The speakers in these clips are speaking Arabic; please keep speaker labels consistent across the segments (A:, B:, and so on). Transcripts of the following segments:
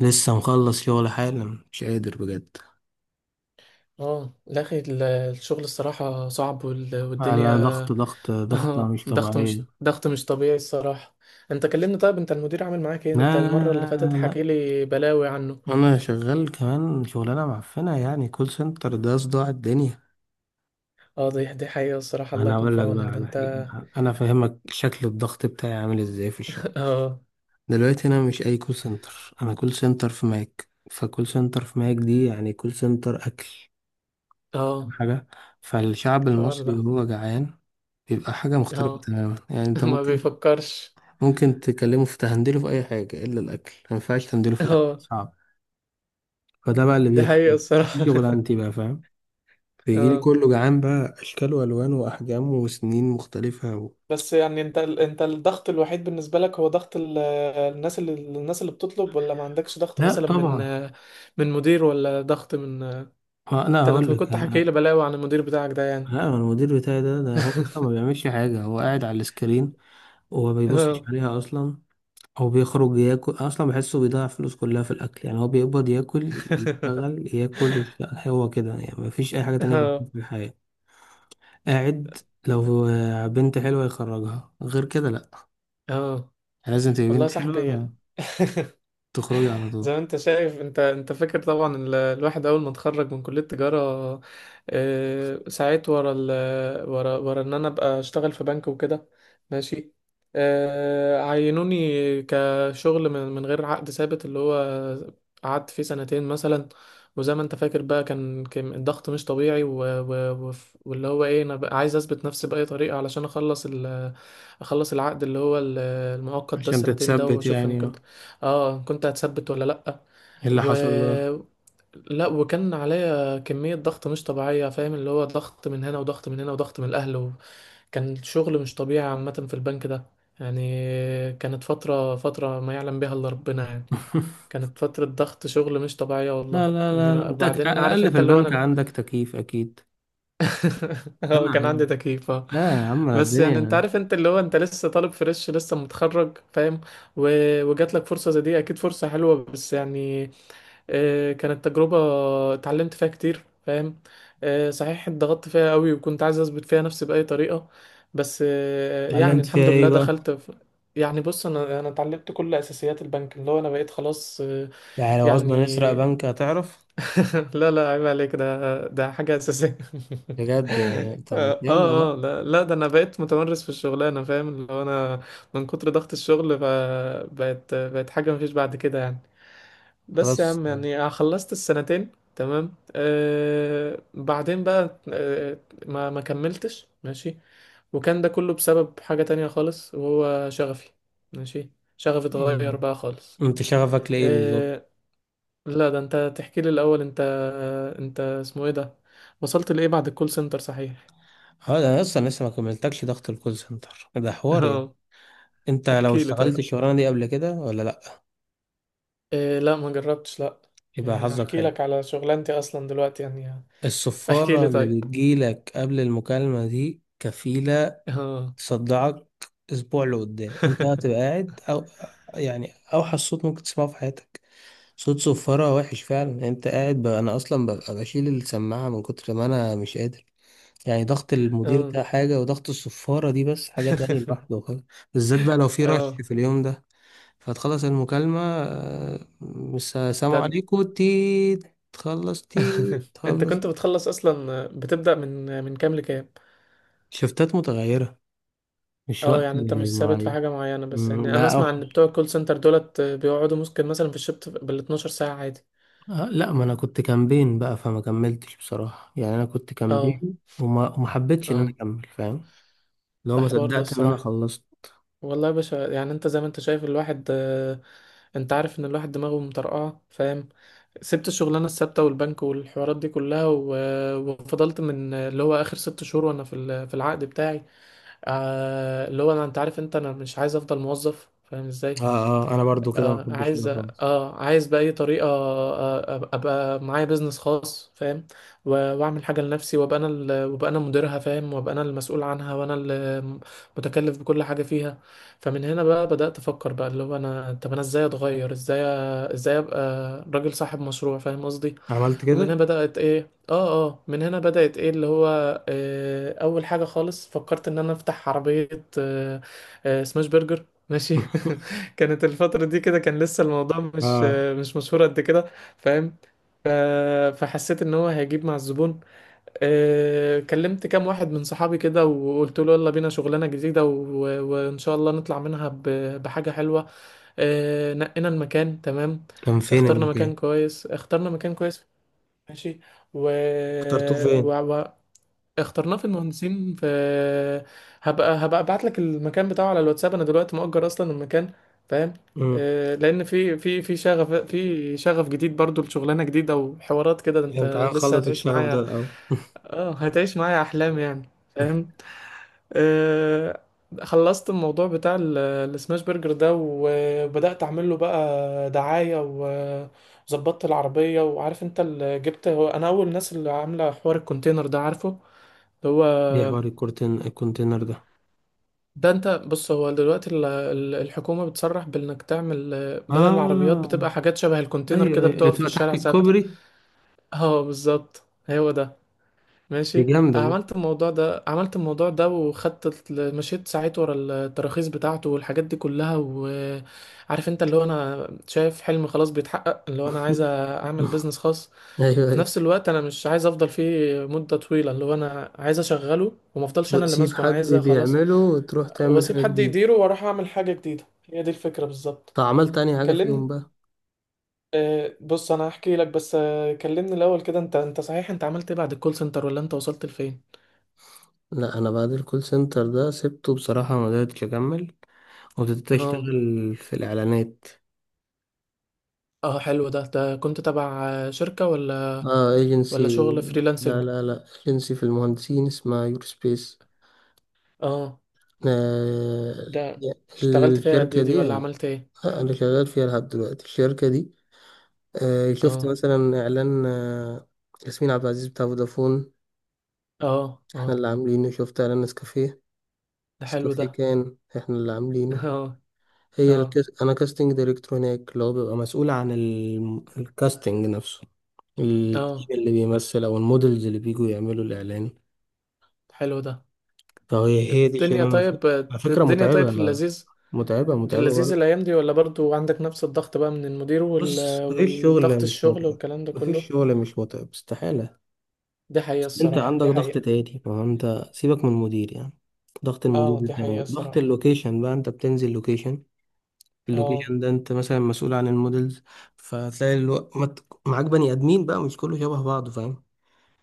A: لسه مخلص شغل حالا، مش قادر بجد.
B: اه، لا اخي الشغل الصراحة صعب
A: على
B: والدنيا.
A: شغال ضغط ضغط ضغط
B: اه،
A: مش طبيعية.
B: ضغط مش طبيعي الصراحة. انت كلمني، طيب انت المدير عامل معاك ايه؟
A: لا
B: انت
A: لا
B: المرة اللي فاتت
A: لا لا
B: حكي لي بلاوي عنه.
A: لا. أنا شغال كمان شغلانة معفنة يعني كول سنتر ده صداع الدنيا.
B: اه، دي حقيقة الصراحة، الله
A: أنا
B: يكون
A: أقول
B: في
A: لك بقى
B: عونك ده
A: على
B: انت.
A: حاجة، أنا فاهمك شكل الضغط بتاعي عامل إزاي في الشغل.
B: اه،
A: دلوقتي أنا مش أي كول سنتر، أنا كول سنتر في ماك، فكول سنتر في ماك دي يعني كول سنتر أكل، فاهم
B: اه.
A: حاجة؟ فالشعب
B: الحوار
A: المصري
B: ده.
A: وهو جعان بيبقى حاجة مختلفة
B: اه.
A: تماما، يعني أنت
B: ما
A: ممكن
B: بيفكرش.
A: ممكن تكلمه في تهندله في اي حاجه الا الاكل، ما ينفعش تهندله في الاكل،
B: اه،
A: صعب. فده بقى اللي
B: دي حقيقة
A: بيحصل، دي
B: الصراحة.
A: شغلانتي بقى فاهم. فيجي لي
B: اه.
A: كله جعان بقى، اشكال والوان واحجام وسنين مختلفه
B: بس يعني انت الضغط الوحيد بالنسبة لك هو ضغط الناس، اللي بتطلب، ولا ما عندكش ضغط
A: لا
B: مثلا من
A: طبعا.
B: من مدير، ولا ضغط من؟ انت
A: لا
B: انا
A: هقول لك
B: كنت حكي لي بلاوي عن المدير بتاعك ده يعني.
A: لا أنا المدير بتاعي ده هو اصلا ما بيعملش حاجه، هو قاعد على السكرين وما بيبصش
B: اه.
A: عليها اصلا. هو بيخرج ياكل اصلا، بحسه بيضيع فلوس كلها في الاكل، يعني هو بيقبض ياكل يشتغل ياكل يشتغل. هو كده يعني، ما فيش اي حاجه تانية
B: اه،
A: في الحياه. قاعد لو بنت حلوة يخرجها، غير كده لأ،
B: اه.
A: لازم تبقى
B: والله يا
A: بنت حلوة،
B: صاحبي.
A: ده تخرجي على
B: زي
A: طول.
B: ما انت شايف، انت فاكر طبعا الواحد اول ما اتخرج من كلية تجارة. اه، سعيت ورا ال ورا ورا ان انا ابقى اشتغل في بنك وكده. ماشي. اه، عينوني كشغل من غير عقد ثابت، اللي هو قعدت فيه سنتين مثلا. وزي ما انت فاكر بقى، كان الضغط مش طبيعي، و... و... وف- واللي هو ايه، انا بقى عايز اثبت نفسي بأي طريقة علشان اخلص العقد، اللي هو المؤقت ده،
A: عشان
B: السنتين ده،
A: تتثبت
B: واشوف ان
A: يعني
B: كنت.
A: آه.
B: اه، كنت هتثبت ولا لأ.
A: إيه اللي
B: و
A: حصل ده؟
B: لا وكان عليا كمية ضغط مش طبيعية، فاهم؟ اللي هو ضغط من هنا، وضغط من هنا، وضغط من الأهل. كان شغل مش طبيعي عامة في البنك ده يعني. كانت فترة ما يعلم بها إلا ربنا يعني. كانت فترة ضغط شغل مش طبيعية،
A: لا
B: والله
A: لا لا لا،
B: يعني.
A: انت على
B: بعدين عارف
A: الأقل في
B: انت، اللي هو
A: البنك
B: انا.
A: عندك تكييف أكيد.
B: اه،
A: أنا
B: كان عندي
A: عم،
B: تكييف، اه.
A: لا يا عم أنا
B: بس يعني انت
A: الدنيا.
B: عارف، انت اللي هو انت لسه طالب فريش، لسه متخرج، فاهم؟ و... وجات لك فرصة زي دي، اكيد فرصة حلوة، بس يعني كانت تجربة اتعلمت فيها كتير، فاهم؟ صحيح اتضغطت فيها قوي، وكنت عايز اثبت فيها نفسي بأي طريقة. بس يعني
A: اتعلمت فيها
B: الحمد
A: إيه
B: لله
A: بقى؟
B: دخلت في. يعني بص، انا اتعلمت كل اساسيات البنك، اللي هو انا بقيت خلاص
A: يعني لو عاوزنا نسرق
B: يعني.
A: بنك هتعرف؟
B: لا، لا، عيب عليك، ده حاجة أساسية.
A: بجد يعني؟ طب
B: اه.
A: يلا
B: اه،
A: بقى
B: لا، لا، ده انا بقيت متمرس في الشغلانة، فاهم؟ اللي هو انا من كتر ضغط الشغل بقت حاجة مفيش بعد كده يعني. بس يا
A: خلاص.
B: عم، يعني خلصت السنتين. تمام. بعدين بقى، ما كملتش. ماشي. وكان ده كله بسبب حاجة تانية خالص، وهو شغفي. ماشي. شغفي اتغير
A: مم.
B: بقى خالص.
A: انت شغفك لإيه بالظبط؟
B: آه، لا، ده انت تحكي لي الاول. انت انت اسمه ايه ده، وصلت لايه بعد الكول سنتر؟ صحيح.
A: اه ده انا اصلا لسه ما كملتكش، ضغط الكول سنتر ده حوار يعني.
B: اه،
A: انت لو
B: احكي لي
A: اشتغلت
B: طيب.
A: الشغلانه دي قبل كده ولا لا؟
B: إيه، لا ما جربتش، لا.
A: يبقى
B: يعني
A: حظك
B: هحكي
A: حلو.
B: لك على شغلانتي اصلا دلوقتي يعني. احكي
A: الصفاره
B: لي
A: اللي
B: طيب.
A: بتجيلك قبل المكالمه دي كفيله
B: اه.
A: تصدعك اسبوع لقدام، انت هتبقى قاعد او يعني اوحش صوت ممكن تسمعه في حياتك. صوت صفاره وحش فعلا يعني، انت قاعد بقى، انا اصلا ببقى بشيل السماعه من كتر ما انا مش قادر. يعني ضغط المدير
B: اه.
A: ده حاجه، وضغط الصفاره دي بس حاجه تانية لوحده خالص. بالذات بقى لو في رش
B: اه،
A: في اليوم ده، فتخلص المكالمة آه، السلام
B: ده.
A: عليكم تي، تخلص تي،
B: انت
A: تخلص.
B: كنت بتخلص اصلا، بتبدأ من كام لكام؟
A: شفتات متغيرة، مش
B: اه،
A: وقت
B: يعني انت مش ثابت في
A: معين.
B: حاجة معينة. بس
A: مم،
B: يعني انا
A: لا
B: اسمع ان
A: أوحش.
B: بتوع الكول سنتر دولت بيقعدوا ممكن مثلا في الشفت بال 12 ساعة عادي.
A: آه، لا ما أنا كنت كامبين بقى، فما كملتش بصراحة يعني، أنا كنت
B: اه،
A: كامبين وما حبيتش إن أنا
B: اه،
A: أكمل فاهم؟ لو
B: ده
A: ما
B: حوار ده
A: صدقت إن أنا
B: الصراحة.
A: خلصت.
B: والله يا باشا، يعني انت زي ما انت شايف الواحد، انت عارف ان الواحد دماغه مطرقعه، فاهم؟ سبت الشغلانه الثابته والبنك والحوارات دي كلها، و- وفضلت من اللي هو اخر 6 شهور وانا في في العقد بتاعي. اللي هو انا، انت عارف، انت انا مش عايز افضل موظف، فاهم ازاي؟
A: آه آه، أنا برضو كده ما
B: اه
A: بحبش
B: عايز
A: كده خالص.
B: اه عايز بأي طريقة، ابقى معايا بيزنس خاص، فاهم؟ و- واعمل حاجة لنفسي، وابقى انا مديرها، فاهم؟ وابقى انا المسؤول عنها، وانا اللي متكلف بكل حاجة فيها. فمن هنا بقى بدأت افكر، بقى اللي هو انا طب انا ازاي اتغير، ازاي ابقى راجل صاحب مشروع، فاهم قصدي؟
A: عملت
B: ومن هنا
A: كده.
B: بدأت ايه اه اه من هنا بدأت ايه، اللي هو اول حاجة خالص فكرت ان انا افتح عربية. آه سماش برجر، ماشي. كانت الفترة دي كده، كان لسه الموضوع
A: آه
B: مش مشهور قد كده، فاهم؟ ف- فحسيت ان هو هيجيب مع الزبون. كلمت كام واحد من صحابي كده وقلت له يلا بينا شغلانة جديدة، و- وان شاء الله نطلع منها ب- بحاجة حلوة. نقينا المكان، تمام.
A: كان فين
B: اخترنا مكان
A: المكان؟
B: كويس اخترنا مكان كويس ماشي. و...
A: اخترتوه فين؟
B: و... و... اخترناه في المهندسين. في هبقى هبقى ابعت لك المكان بتاعه على الواتساب، انا دلوقتي مؤجر اصلا المكان، فاهم؟
A: مم.
B: لان في شغف جديد برضو لشغلانه جديده، وحوارات كده، ده
A: الامتحان
B: انت لسه
A: خلص
B: هتعيش
A: الشغف ده
B: معايا.
A: الأول.
B: اه، هتعيش معايا احلام يعني، فاهم؟ آه، خلصت الموضوع بتاع السماش برجر ده، وبدأت أعمل له بقى دعاية، وظبطت العربية. وعارف أنت اللي جبت هو، أنا أول الناس اللي عاملة حوار الكونتينر ده، عارفه؟ اللي هو
A: إيه حوار الكورتين، الكونتينر ده؟
B: ده، أنت بص، هو دلوقتي الحكومة بتصرح بإنك تعمل، بدل العربيات
A: اه
B: بتبقى حاجات شبه الكونتينر
A: ايوه
B: كده،
A: ايوه، اللي
B: بتقف في
A: بتبقى تحت
B: الشارع ثابتة.
A: الكوبري.
B: اه بالظبط، هو ده.
A: دي
B: ماشي،
A: جامدة دي.
B: عملت الموضوع ده، عملت الموضوع ده، وخدت مشيت ساعات ورا التراخيص بتاعته والحاجات دي كلها. وعارف انت، اللي هو انا شايف حلم خلاص بيتحقق، اللي هو انا عايز اعمل بيزنس خاص.
A: ايوه
B: في
A: ايوه.
B: نفس الوقت انا مش عايز افضل فيه مدة طويلة، اللي هو انا عايز اشغله وما افضلش انا اللي
A: وتسيب
B: ماسكه، انا
A: حد
B: عايز خلاص
A: بيعمله وتروح تعمل
B: واسيب
A: حاجة
B: حد
A: جديدة؟
B: يديره واروح اعمل حاجة جديدة. هي دي الفكرة بالظبط.
A: طب عملت تاني حاجة فيهم
B: كلمني.
A: بقى؟
B: بص انا هحكي لك، بس كلمني الاول كده، انت انت صحيح انت عملت ايه بعد الكول سنتر، ولا انت وصلت لفين؟
A: لا انا بعد الكول سنتر ده سبته بصراحة ما قدرتش اكمل، وابتديت
B: اه،
A: اشتغل في الاعلانات.
B: اه، حلو ده. ده كنت تبع شركة، ولا
A: اه ايجنسي.
B: ولا شغل
A: لا
B: فريلانسنج؟
A: لا لا، ايجنسي في المهندسين اسمها يور سبيس.
B: اه،
A: آه...
B: ده اشتغلت فيها قد
A: الشركة
B: ايه دي،
A: دي
B: ولا
A: آه،
B: عملت ايه؟
A: انا شغال فيها لحد دلوقتي الشركة دي. آه، شفت
B: اه،
A: مثلا إعلان آه، ياسمين عبد العزيز بتاع فودافون؟
B: اه،
A: إحنا
B: اه،
A: اللي عاملينه. شفت إعلان نسكافيه؟
B: ده حلو
A: نسكافيه
B: ده.
A: كان إحنا اللي عاملينه.
B: اه،
A: هي
B: اه،
A: أنا كاستنج دايركتور هناك، اللي هو بيبقى مسؤول عن الكاستنج نفسه، التيم
B: اه،
A: اللي بيمثل أو المودلز اللي بيجوا يعملوا الإعلان.
B: حلو ده.
A: فهي هي دي
B: الدنيا
A: شغلانة
B: طيب.
A: على فكرة
B: الدنيا طيب
A: متعبة.
B: في اللذيذ.
A: متعبة
B: في
A: متعبة
B: اللذيذ
A: برضه.
B: الايام دي، ولا برضو عندك نفس الضغط بقى من المدير
A: بص مفيش شغل
B: والضغط
A: مش
B: الشغل
A: متعب،
B: والكلام ده
A: مفيش
B: كله؟
A: شغل مش متعب استحالة.
B: دي حقيقة
A: انت
B: الصراحة،
A: عندك
B: دي
A: ضغط
B: حقيقة.
A: تاني، ما هو انت سيبك من المدير يعني. ضغط المدير
B: اه،
A: ده
B: دي حقيقة
A: تمام، ضغط
B: الصراحة.
A: اللوكيشن بقى، انت بتنزل لوكيشن،
B: اه،
A: اللوكيشن ده انت مثلا مسؤول عن المودلز، فتلاقي معاك بني ادمين بقى، مش كله شبه بعضه فاهم؟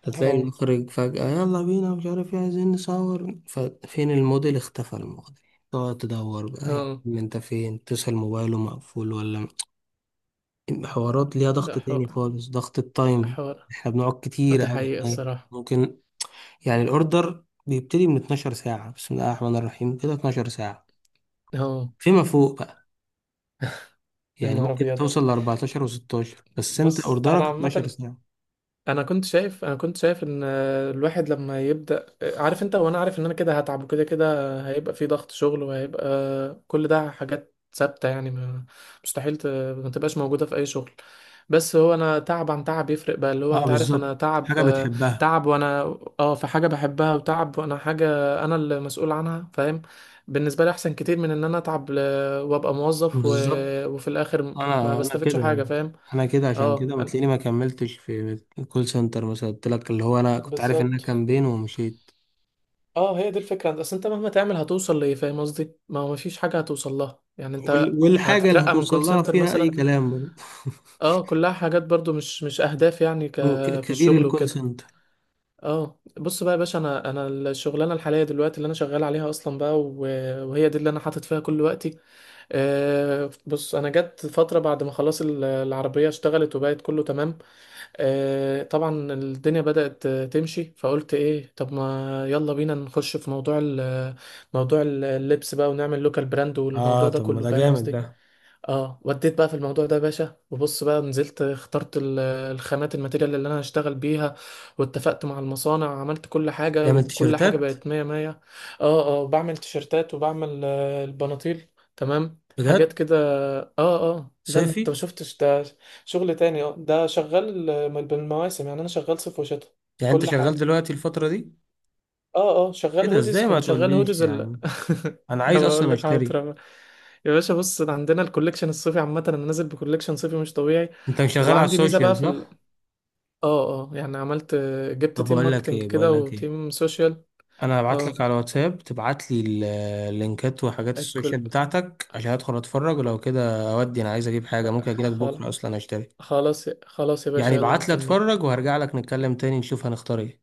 A: هتلاقي
B: اه،
A: المخرج فجأة يلا بينا، مش عارف ايه عايزين نصور، ففين الموديل، اختفى الموديل، تقعد تدور بقى يعني
B: اه،
A: انت فين، تسأل موبايله مقفول ولا. حوارات ليها
B: ده
A: ضغط تاني
B: حوار،
A: خالص، ضغط التايم.
B: حوار.
A: احنا بنقعد كتير
B: ده
A: قوي
B: حقيقي
A: هناك،
B: الصراحة.
A: ممكن يعني الاوردر بيبتدي من 12 ساعة، بسم الله الرحمن الرحيم كده 12 ساعة
B: اه.
A: فيما فوق بقى،
B: يا
A: يعني
B: نهار
A: ممكن
B: أبيض.
A: توصل ل 14 و16، بس انت
B: بص أنا
A: اوردرك 12
B: عامة،
A: ساعة.
B: انا كنت شايف، انا كنت شايف ان الواحد لما يبدا، عارف انت، وانا عارف ان انا كده هتعب، وكده كده هيبقى في ضغط شغل، وهيبقى كل ده حاجات ثابته يعني، مستحيل ت- ما تبقاش موجوده في اي شغل. بس هو انا تعب عن تعب يفرق بقى، اللي هو
A: اه
B: انت عارف،
A: بالظبط،
B: انا تعب
A: حاجة بتحبها.
B: تعب وانا. اه، في حاجه بحبها، وتعب وانا حاجه انا اللي مسؤول عنها، فاهم؟ بالنسبه لي احسن كتير من ان انا اتعب وابقى موظف،
A: بالظبط.
B: وفي الاخر ما
A: انا
B: بستفدش حاجه،
A: كده،
B: فاهم؟
A: انا كده عشان
B: اه
A: كده ما تلاقيني
B: أنا-
A: ما كملتش في الكول سنتر مثلا، قلت لك اللي هو انا كنت عارف انها
B: بالظبط.
A: كامبين ومشيت.
B: اه، هي دي الفكرة. بس انت مهما تعمل هتوصل لإيه، فاهم قصدي؟ ما هو مفيش حاجة هتوصل لها يعني، انت
A: والحاجة اللي
B: هتترقى من
A: هتوصل
B: كول
A: لها
B: سنتر
A: فيها اي
B: مثلا.
A: كلام برضه.
B: اه، كلها حاجات برضو مش اهداف يعني. ك
A: هو
B: في
A: كبير
B: الشغل
A: الكول
B: وكده.
A: سنتر؟
B: اه، بص بقى يا باشا، انا الشغلانه الحاليه دلوقتي اللي انا شغال عليها اصلا بقى، وهي دي اللي انا حاطط فيها كل وقتي. بص، انا جت فتره بعد ما خلاص العربيه اشتغلت وبقت كله تمام. طبعا الدنيا بدأت تمشي. فقلت ايه، طب ما يلا بينا نخش في موضوع موضوع اللبس بقى، ونعمل لوكال براند،
A: اه
B: والموضوع ده
A: طب ما
B: كله،
A: ده
B: فاهم
A: جامد
B: قصدي؟
A: ده.
B: اه، وديت بقى في الموضوع ده يا باشا. وبص بقى، نزلت اخترت الخامات، الماتيريال اللي انا هشتغل بيها، واتفقت مع المصانع، عملت كل حاجة،
A: جامد،
B: وكل حاجة
A: تيشيرتات؟
B: بقت مية مية. اه، اه، بعمل تيشرتات، وبعمل البناطيل. تمام، حاجات
A: بجد؟
B: كده. اه، اه، لا انت
A: صيفي؟
B: ما شفتش ده، شغل تاني. اه، ده شغال بالمواسم يعني، انا شغال صيف وشتاء،
A: يعني انت
B: كل
A: شغال
B: حاجة.
A: دلوقتي الفترة دي؟
B: اه، اه،
A: ايه
B: شغال
A: ده،
B: هودز
A: ازاي ما
B: كنت شغال
A: تقوليش
B: هودز
A: يا
B: ال...
A: عم؟ انا عايز
B: بقول
A: اصلا
B: لك حاضر
A: اشتري.
B: أهو. يا باشا بص، أنا عندنا الكوليكشن الصيفي عامة، انا نازل بكوليكشن صيفي مش طبيعي.
A: انت مش شغال على
B: وعندي ميزة
A: السوشيال
B: بقى في ال...
A: صح؟
B: اه، اه، يعني عملت، جبت
A: طب
B: تيم
A: بقول لك
B: ماركتنج
A: ايه، بقول
B: كده
A: لك ايه،
B: وتيم سوشيال.
A: انا هبعت لك
B: اه.
A: على واتساب، تبعت لي اللينكات وحاجات
B: الكل.
A: السوشيال بتاعتك عشان ادخل اتفرج، ولو كده اودي انا عايز اجيب حاجة، ممكن اجيلك
B: خلاص،
A: بكرة اصلا اشتري.
B: خلاص، خلاص يا باشا،
A: يعني
B: يلا
A: ابعت لي اتفرج،
B: مستنيك.
A: وهرجع لك نتكلم تاني نشوف هنختار ايه.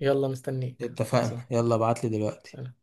B: يلا مستنيك،
A: اتفقنا،
B: خلصان.
A: يلا ابعت لي دلوقتي.
B: سلام.